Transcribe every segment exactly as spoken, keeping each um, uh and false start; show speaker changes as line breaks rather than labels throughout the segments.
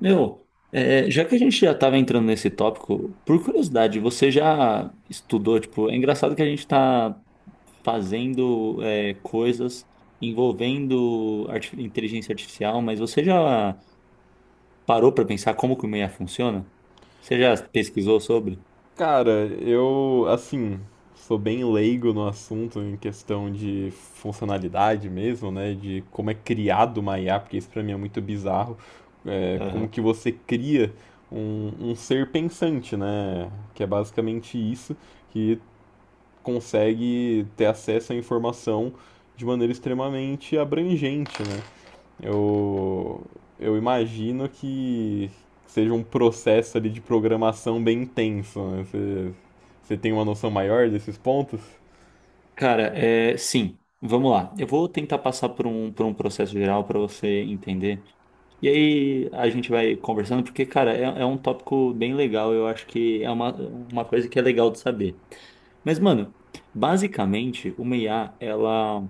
Meu, é, já que a gente já estava entrando nesse tópico, por curiosidade, você já estudou, tipo, é engraçado que a gente está fazendo é, coisas envolvendo arti- inteligência artificial, mas você já parou para pensar como que o I A funciona? Você já pesquisou sobre?
Cara, eu, assim, sou bem leigo no assunto em questão de funcionalidade mesmo, né? De como é criado uma I A, porque isso pra mim é muito bizarro. É, como
Aham.
que você cria um, um ser pensante, né? Que é basicamente isso, que consegue ter acesso à informação de maneira extremamente abrangente, né? Eu, eu imagino que seja um processo ali de programação bem intenso, né? Você, você tem uma noção maior desses pontos?
Cara, é, sim, vamos lá. Eu vou tentar passar por um, por um processo geral para você entender. E aí a gente vai conversando, porque, cara, é, é um tópico bem legal, eu acho que é uma, uma coisa que é legal de saber. Mas, mano, basicamente, uma I A, ela,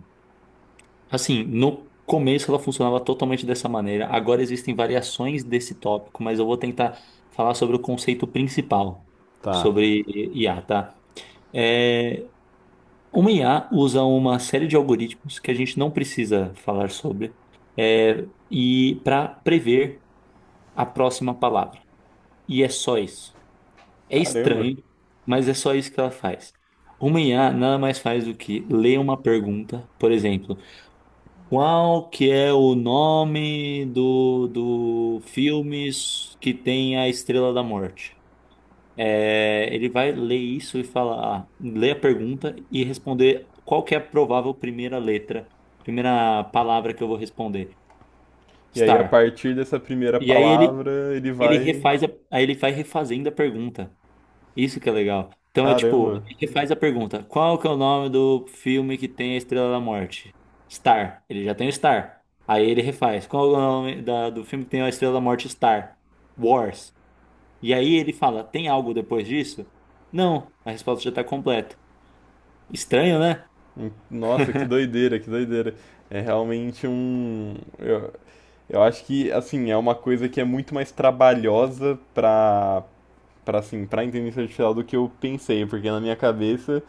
assim, no começo ela funcionava totalmente dessa maneira, agora existem variações desse tópico, mas eu vou tentar falar sobre o conceito principal
Tá.
sobre I A, tá? É, uma I A usa uma série de algoritmos que a gente não precisa falar sobre, é, e para prever a próxima palavra. E é só isso. É
Caramba.
estranho, mas é só isso que ela faz. Uma I A nada mais faz do que ler uma pergunta, por exemplo, qual que é o nome do, do filme que tem a Estrela da Morte? É, ele vai ler isso e falar, ah, ler a pergunta e responder qual que é a provável primeira letra, primeira palavra que eu vou responder.
E aí, a
Star.
partir dessa primeira
E aí ele,
palavra, ele
ele
vai.
refaz a, aí ele vai refazendo a pergunta. Isso que é legal. Então é tipo,
Caramba.
ele faz a pergunta: qual que é o nome do filme que tem a Estrela da Morte? Star. Ele já tem o Star. Aí ele refaz: qual é o nome da- do filme que tem a Estrela da Morte Star? Wars. E aí ele fala: tem algo depois disso? Não. A resposta já está completa. Estranho, né?
Hum, Nossa, que doideira, que doideira. É realmente um. Eu, eu acho que, assim, é uma coisa que é muito mais trabalhosa para pra assim, pra inteligência artificial do que eu pensei, porque na minha cabeça,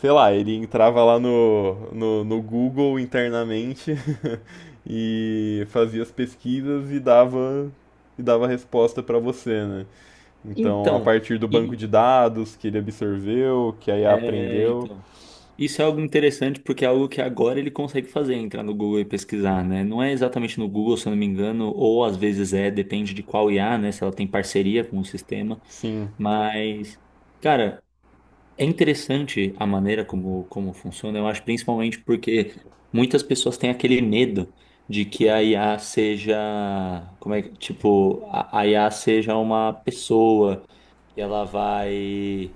sei lá, ele entrava lá no, no, no Google internamente e fazia as pesquisas e dava e dava resposta pra você, né? Então, a
Então.
partir do banco
E.
de dados que ele absorveu, que a I A
É,
aprendeu,
então. Isso é algo interessante porque é algo que agora ele consegue fazer, entrar no Google e pesquisar, né? Não é exatamente no Google, se eu não me engano, ou às vezes é, depende de qual I A, né? Se ela tem parceria com o sistema,
sim,
mas, cara, é interessante a maneira como, como funciona, eu acho, principalmente porque muitas pessoas têm aquele medo de que a I A seja, como é que, tipo, a a I A seja uma pessoa que ela vai,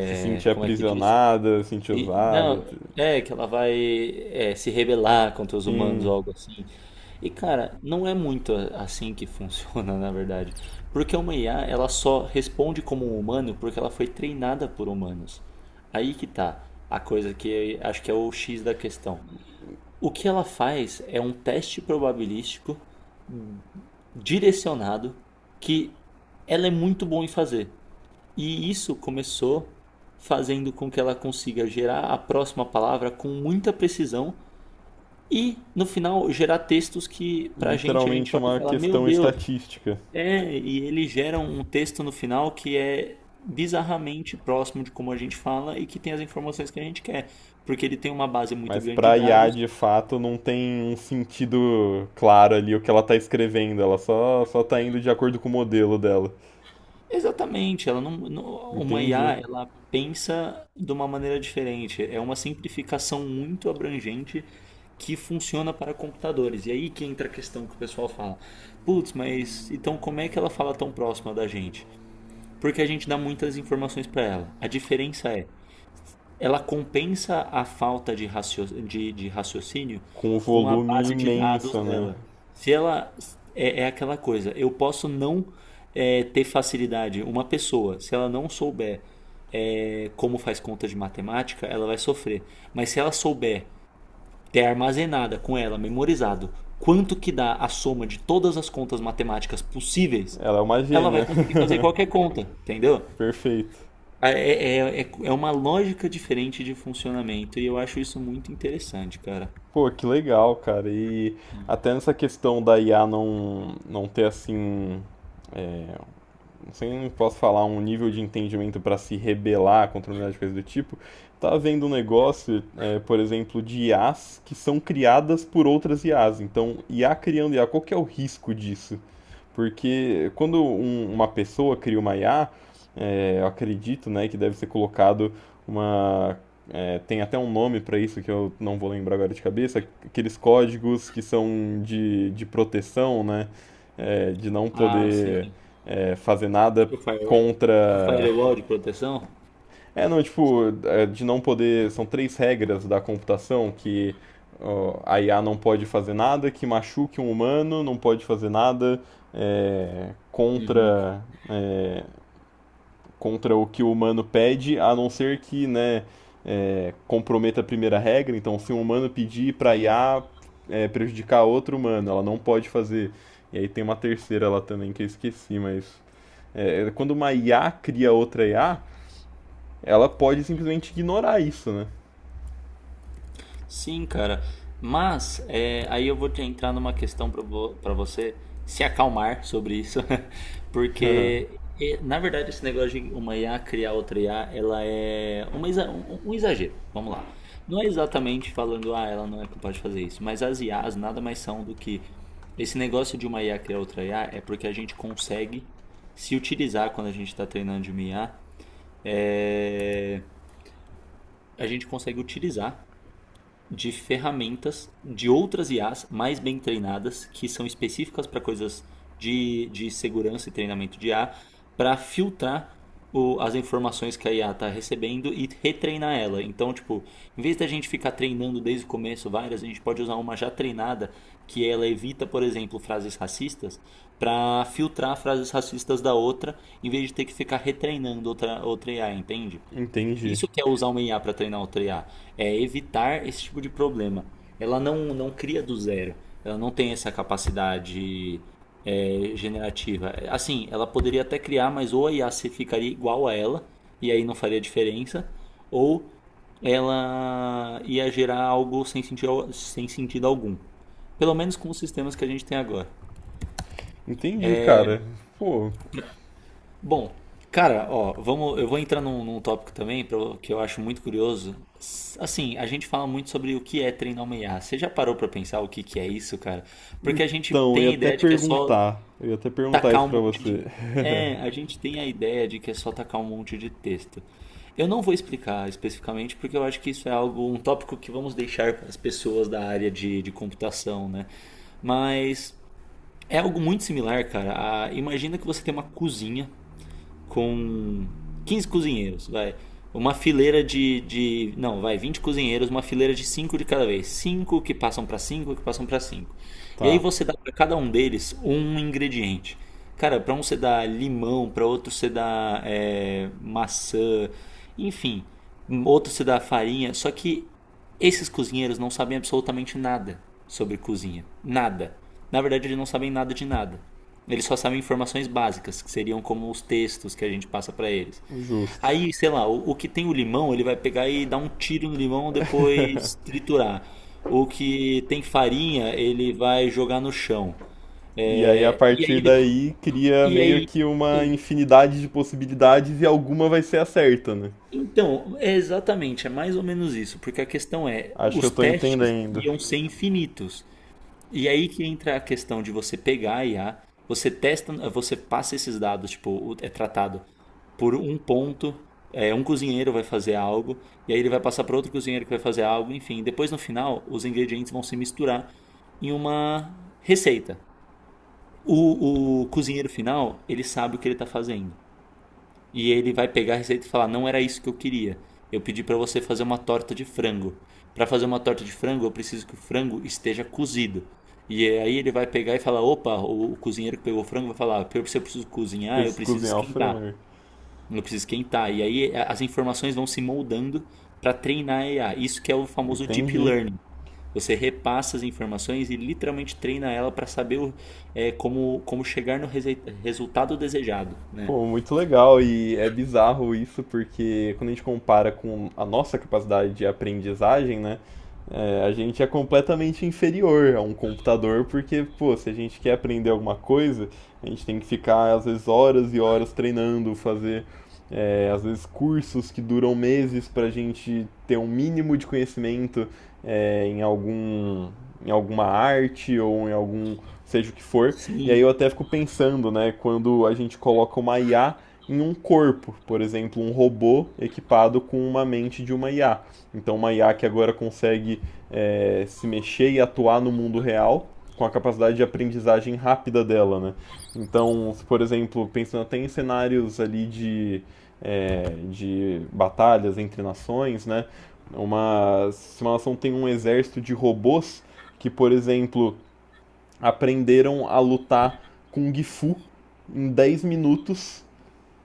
se
é,
sentia
como é que diz?
aprisionada, se sentia
E-
usada,
não,
t-
é que ela vai é, se rebelar contra os humanos
sim,
ou algo assim. E cara, não é muito a- assim que funciona, na verdade. Porque uma I A, ela só responde como um humano porque ela foi treinada por humanos. Aí que tá a coisa que eu acho que é o X da questão. O que ela faz é um teste probabilístico direcionado que ela é muito boa em fazer. E isso começou fazendo com que ela consiga gerar a próxima palavra com muita precisão e, no final, gerar textos que, pra gente, a gente
literalmente
olha e
uma
fala: Meu
questão
Deus,
estatística.
é. E ele gera um texto no final que é bizarramente próximo de como a gente fala e que tem as informações que a gente quer, porque ele tem uma base muito
Mas
grande de
pra I A,
dados.
de fato, não tem um sentido claro ali o que ela tá escrevendo. Ela só, só tá indo de acordo com o modelo dela.
Exatamente, ela não, não- uma I A,
Entendi.
ela pensa de uma maneira diferente. É uma simplificação muito abrangente que funciona para computadores. E aí que entra a questão que o pessoal fala: "Putz, mas então como é que ela fala tão próxima da gente?" Porque a gente dá muitas informações para ela. A diferença é ela compensa a falta de, racio- de- de raciocínio
Com o
com a
volume
base de dados
imenso, né?
dela. Se ela é, é aquela coisa, eu posso não é, ter facilidade. Uma pessoa, se ela não souber é, como faz conta de matemática, ela vai sofrer. Mas se ela souber ter armazenada com ela, memorizado, quanto que dá a soma de todas as contas matemáticas possíveis,
Ela é uma
ela vai
gênia.
conseguir fazer qualquer conta, entendeu?
Perfeito.
Ah, É, é, é é uma lógica diferente de funcionamento e eu acho isso muito interessante, cara.
Pô, que legal, cara. E até nessa questão da I A não, não ter, assim, não sei, não posso falar um nível de entendimento para se rebelar contra a humanidade, coisa do tipo, tá havendo um negócio, é, por exemplo, de I as que são criadas por outras I as. Então, I A criando I A, qual que é o risco disso? Porque quando um- uma pessoa cria uma I A, é, eu acredito, né, que deve ser colocado uma é, tem até um nome para isso que eu não vou lembrar agora de cabeça, aqueles códigos que são de, de proteção, né? é, de não
Ah, sim.
poder é, fazer nada
Pro fire- pro
contra.
firewall de proteção?
É, não, tipo, é, de não poder. São três regras da computação que ó, a I A não pode fazer nada que machuque um humano, não pode fazer nada é, contra contra o que o humano pede, a não ser que, né, é, comprometa a primeira regra. Então, se um humano pedir para
Sim.
I A é, prejudicar outro humano, ela não pode fazer. E aí tem uma terceira lá também que eu esqueci, mas é, quando uma I A cria outra I A, ela pode simplesmente ignorar isso, né?
Sim, cara. Mas é, aí eu vou te entrar numa questão para vo pra você se acalmar sobre isso, porque é, na verdade esse negócio de uma I A criar outra I A, ela é uma exa- um, um exagero. Vamos lá. Não é exatamente falando, ah, ela não é capaz de fazer isso, mas as I As nada mais são do que esse negócio de uma I A criar outra I A é porque a gente consegue se utilizar quando a gente está treinando de uma I A, é, a gente consegue utilizar de ferramentas de outras I As mais bem treinadas, que são específicas para coisas de, de segurança e treinamento de I A, para filtrar o- as informações que a I A está recebendo e retreinar ela. Então, tipo, em vez da gente ficar treinando desde o começo várias, a gente pode usar uma já treinada que ela evita, por exemplo, frases racistas, para filtrar frases racistas da outra, em vez de ter que ficar retreinando outra, outra I A, entende?
Entendi.
Isso que é usar uma I A para treinar outra I A, é evitar esse tipo de problema. Ela não, não cria do zero, ela não tem essa capacidade é, generativa. Assim, ela poderia até criar, mas ou a I A se ficaria igual a ela, e aí não faria diferença, ou ela ia gerar algo sem sentido, sem sentido algum. Pelo menos com os sistemas que a gente tem agora.
Entendi, cara. Pô,
Bom, cara, ó, vamos, eu vou entrar num, num tópico também pra- que eu acho muito curioso. S- Assim, a gente fala muito sobre o que é treinar uma I A. Você já parou pra pensar o que que é isso, cara? Porque a gente
então, eu ia
tem a
até
ideia de que é só
perguntar. Eu ia até perguntar
tacar
isso
um
pra
monte
você.
de. É, a gente tem a ideia de que é só tacar um monte de texto. Eu não vou explicar especificamente porque eu acho que isso é algo, um tópico que vamos deixar para as pessoas da área de, de computação, né? Mas é algo muito similar, cara. A- imagina que você tem uma cozinha com quinze cozinheiros, vai. Uma fileira de, de. Não, vai, vinte cozinheiros, uma fileira de cinco de cada vez. Cinco que passam para cinco que passam para cinco. E aí
Tá,
você dá para cada um deles um ingrediente. Cara, para um você dá limão, para outro você dá é, maçã, enfim, outro você dá farinha. Só que esses cozinheiros não sabem absolutamente nada sobre cozinha. Nada. Na verdade, eles não sabem nada de nada. Eles só sabem informações básicas, que seriam como os textos que a gente passa para eles.
justo.
Aí, sei lá, o, o que tem o limão, ele vai pegar e dar um tiro no limão, depois triturar. O que tem farinha, ele vai jogar no chão.
E aí, a
É, e aí,
partir
de-
daí, cria
e
meio
aí,
que uma infinidade de possibilidades e alguma vai ser a certa, né?
então, é exatamente, é mais ou menos isso, porque a questão é,
Acho que eu
os
tô
testes
entendendo.
iam ser infinitos. E aí que entra a questão de você pegar a I A, você testa, você passa esses dados, tipo, é tratado por um ponto, é, um cozinheiro vai fazer algo, e aí ele vai passar para outro cozinheiro que vai fazer algo, enfim. Depois no final, os ingredientes vão se misturar em uma receita. O, o cozinheiro final, ele sabe o que ele está fazendo e ele vai pegar a receita e falar: "Não era isso que eu queria. Eu pedi para você fazer uma torta de frango. Para fazer uma torta de frango, eu preciso que o frango esteja cozido." E aí ele vai pegar e falar: "Opa, o cozinheiro que pegou o frango vai falar: "Pior que se eu preciso cozinhar, eu
Eles
preciso
cozinhar o
esquentar."
frango.
Eu preciso esquentar. E aí as informações vão se moldando para treinar a AI. Isso que é o famoso deep
Entendi.
learning. Você repassa as informações e literalmente treina ela para saber o- é, como, como chegar no rese- resultado desejado, né?
Pô, muito legal e é bizarro isso porque quando a gente compara com a nossa capacidade de aprendizagem, né, é, a gente é completamente inferior a um computador porque, pô, se a gente quer aprender alguma coisa, a gente tem que ficar às vezes horas e horas treinando, fazer é, às vezes cursos que duram meses para a gente ter um mínimo de conhecimento é, em algum, em alguma arte ou em algum, seja o que for. E aí eu
Sim,
até fico pensando, né, quando a gente coloca uma I A em um corpo, por exemplo, um robô equipado com uma mente de uma I A. Então, uma I A que agora consegue é, se mexer e atuar no mundo real com a capacidade de aprendizagem rápida dela, né? Então, se, por exemplo, pensando até em cenários ali de, é, de batalhas entre nações, né? Uma simulação tem um exército de robôs que, por exemplo, aprenderam a lutar com Gifu em dez minutos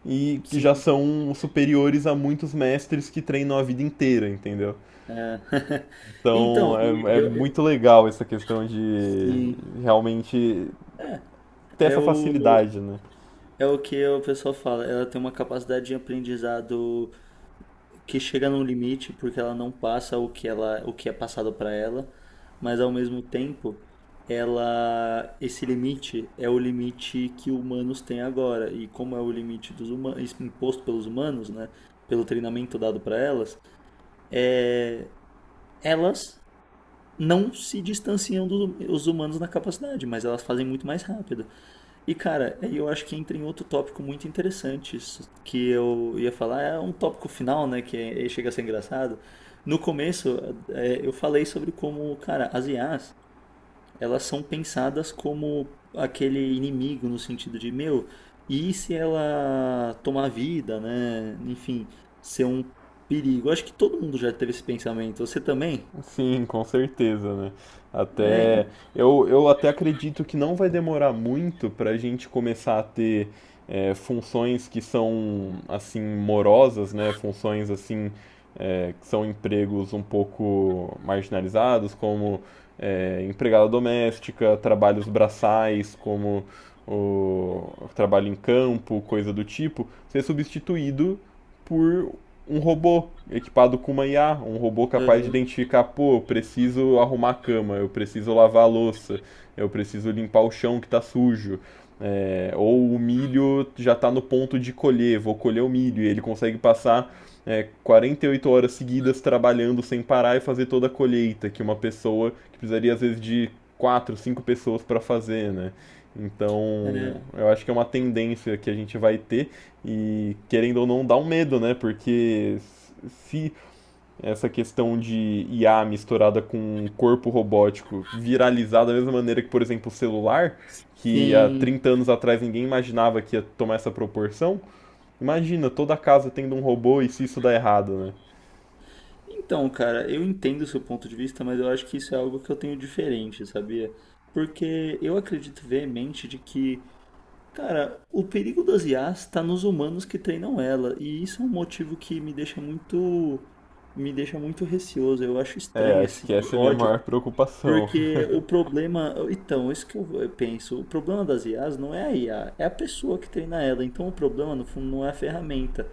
e já
sim.
são superiores a muitos mestres que treinam a vida inteira, entendeu?
É. Então,
Então
e
é, é
eu, eu-
muito legal essa questão de
sim,
realmente ter
é
essa
o,
facilidade, né?
é o que o pessoal fala. Ela tem uma capacidade de aprendizado que chega num limite, porque ela não passa o que ela, o que é passado para ela, mas ao mesmo tempo, ela, esse limite é o limite que humanos têm agora. E como é o limite dos humanos, imposto pelos humanos, né, pelo treinamento dado para elas, é, elas não se distanciam dos humanos na capacidade, mas elas fazem muito mais rápido. E, cara, aí eu acho que entra em outro tópico muito interessante, isso que eu ia falar, é um tópico final, né, que é- chega a ser engraçado. No começo, é, eu falei sobre como, cara, as I As, elas são pensadas como aquele inimigo no sentido de, meu, e se ela tomar vida, né, enfim, ser um perigo. Acho que todo mundo já teve esse pensamento, você também?
Sim, com certeza, né?
É, e-
Até eu, eu até acredito que não vai demorar muito para a gente começar a ter é, funções que são assim morosas, né? Funções assim é, que são empregos um pouco marginalizados, como é, empregada doméstica, trabalhos braçais, como o trabalho em campo, coisa do tipo, ser substituído por um robô equipado com uma I A, um robô capaz de
Aham.
identificar, pô, eu preciso arrumar a cama, eu preciso lavar a louça, eu preciso limpar o chão que está sujo. É, ou o milho já está no ponto de colher, vou colher o milho, e ele consegue passar é, quarenta e oito horas seguidas trabalhando sem parar e fazer toda a colheita, que uma pessoa que precisaria às vezes de quatro, cinco pessoas para fazer, né?
É,
Então, eu acho que é uma tendência que a gente vai ter e querendo ou não, dá um medo, né? Porque se essa questão de I A misturada com um corpo robótico viralizar da mesma maneira que, por exemplo, o celular, que há
sim.
trinta anos atrás ninguém imaginava que ia tomar essa proporção, imagina toda a casa tendo um robô e se isso dá errado, né?
Então, cara, eu entendo o seu ponto de vista, mas eu acho que isso é algo que eu tenho diferente, sabia? Porque eu acredito veemente de que, cara, o perigo das I As está nos humanos que treinam ela, e isso é um motivo que me deixa muito, me deixa muito receoso. Eu acho
É,
estranho
acho
esse
que essa é a minha
ódio.
maior preocupação.
Porque o problema. Então, isso que eu eu penso. O problema das I As não é a I A, é a pessoa que treina ela. Então, o problema, no fundo, não é a ferramenta.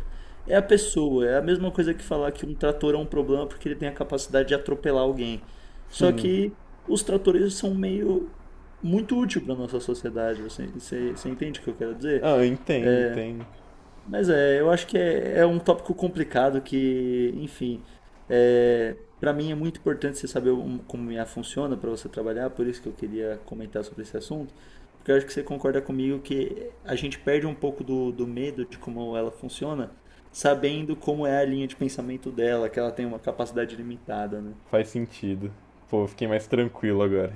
É a pessoa. É a mesma coisa que falar que um trator é um problema porque ele tem a capacidade de atropelar alguém. Só
Sim.
que os tratores são meio. Muito útil para nossa sociedade. Você, você, você entende o que eu quero dizer?
Ah, eu entendo, entendo.
Mas é, eu acho que é, é um tópico complicado que, enfim, é, para mim é muito importante você saber um- como I A funciona para você trabalhar, por isso que eu queria comentar sobre esse assunto, porque eu acho que você concorda comigo que a gente perde um pouco do, do medo de como ela funciona, sabendo como é a linha de pensamento dela, que ela tem uma capacidade limitada, né?
Faz sentido. Pô, eu fiquei mais tranquilo agora.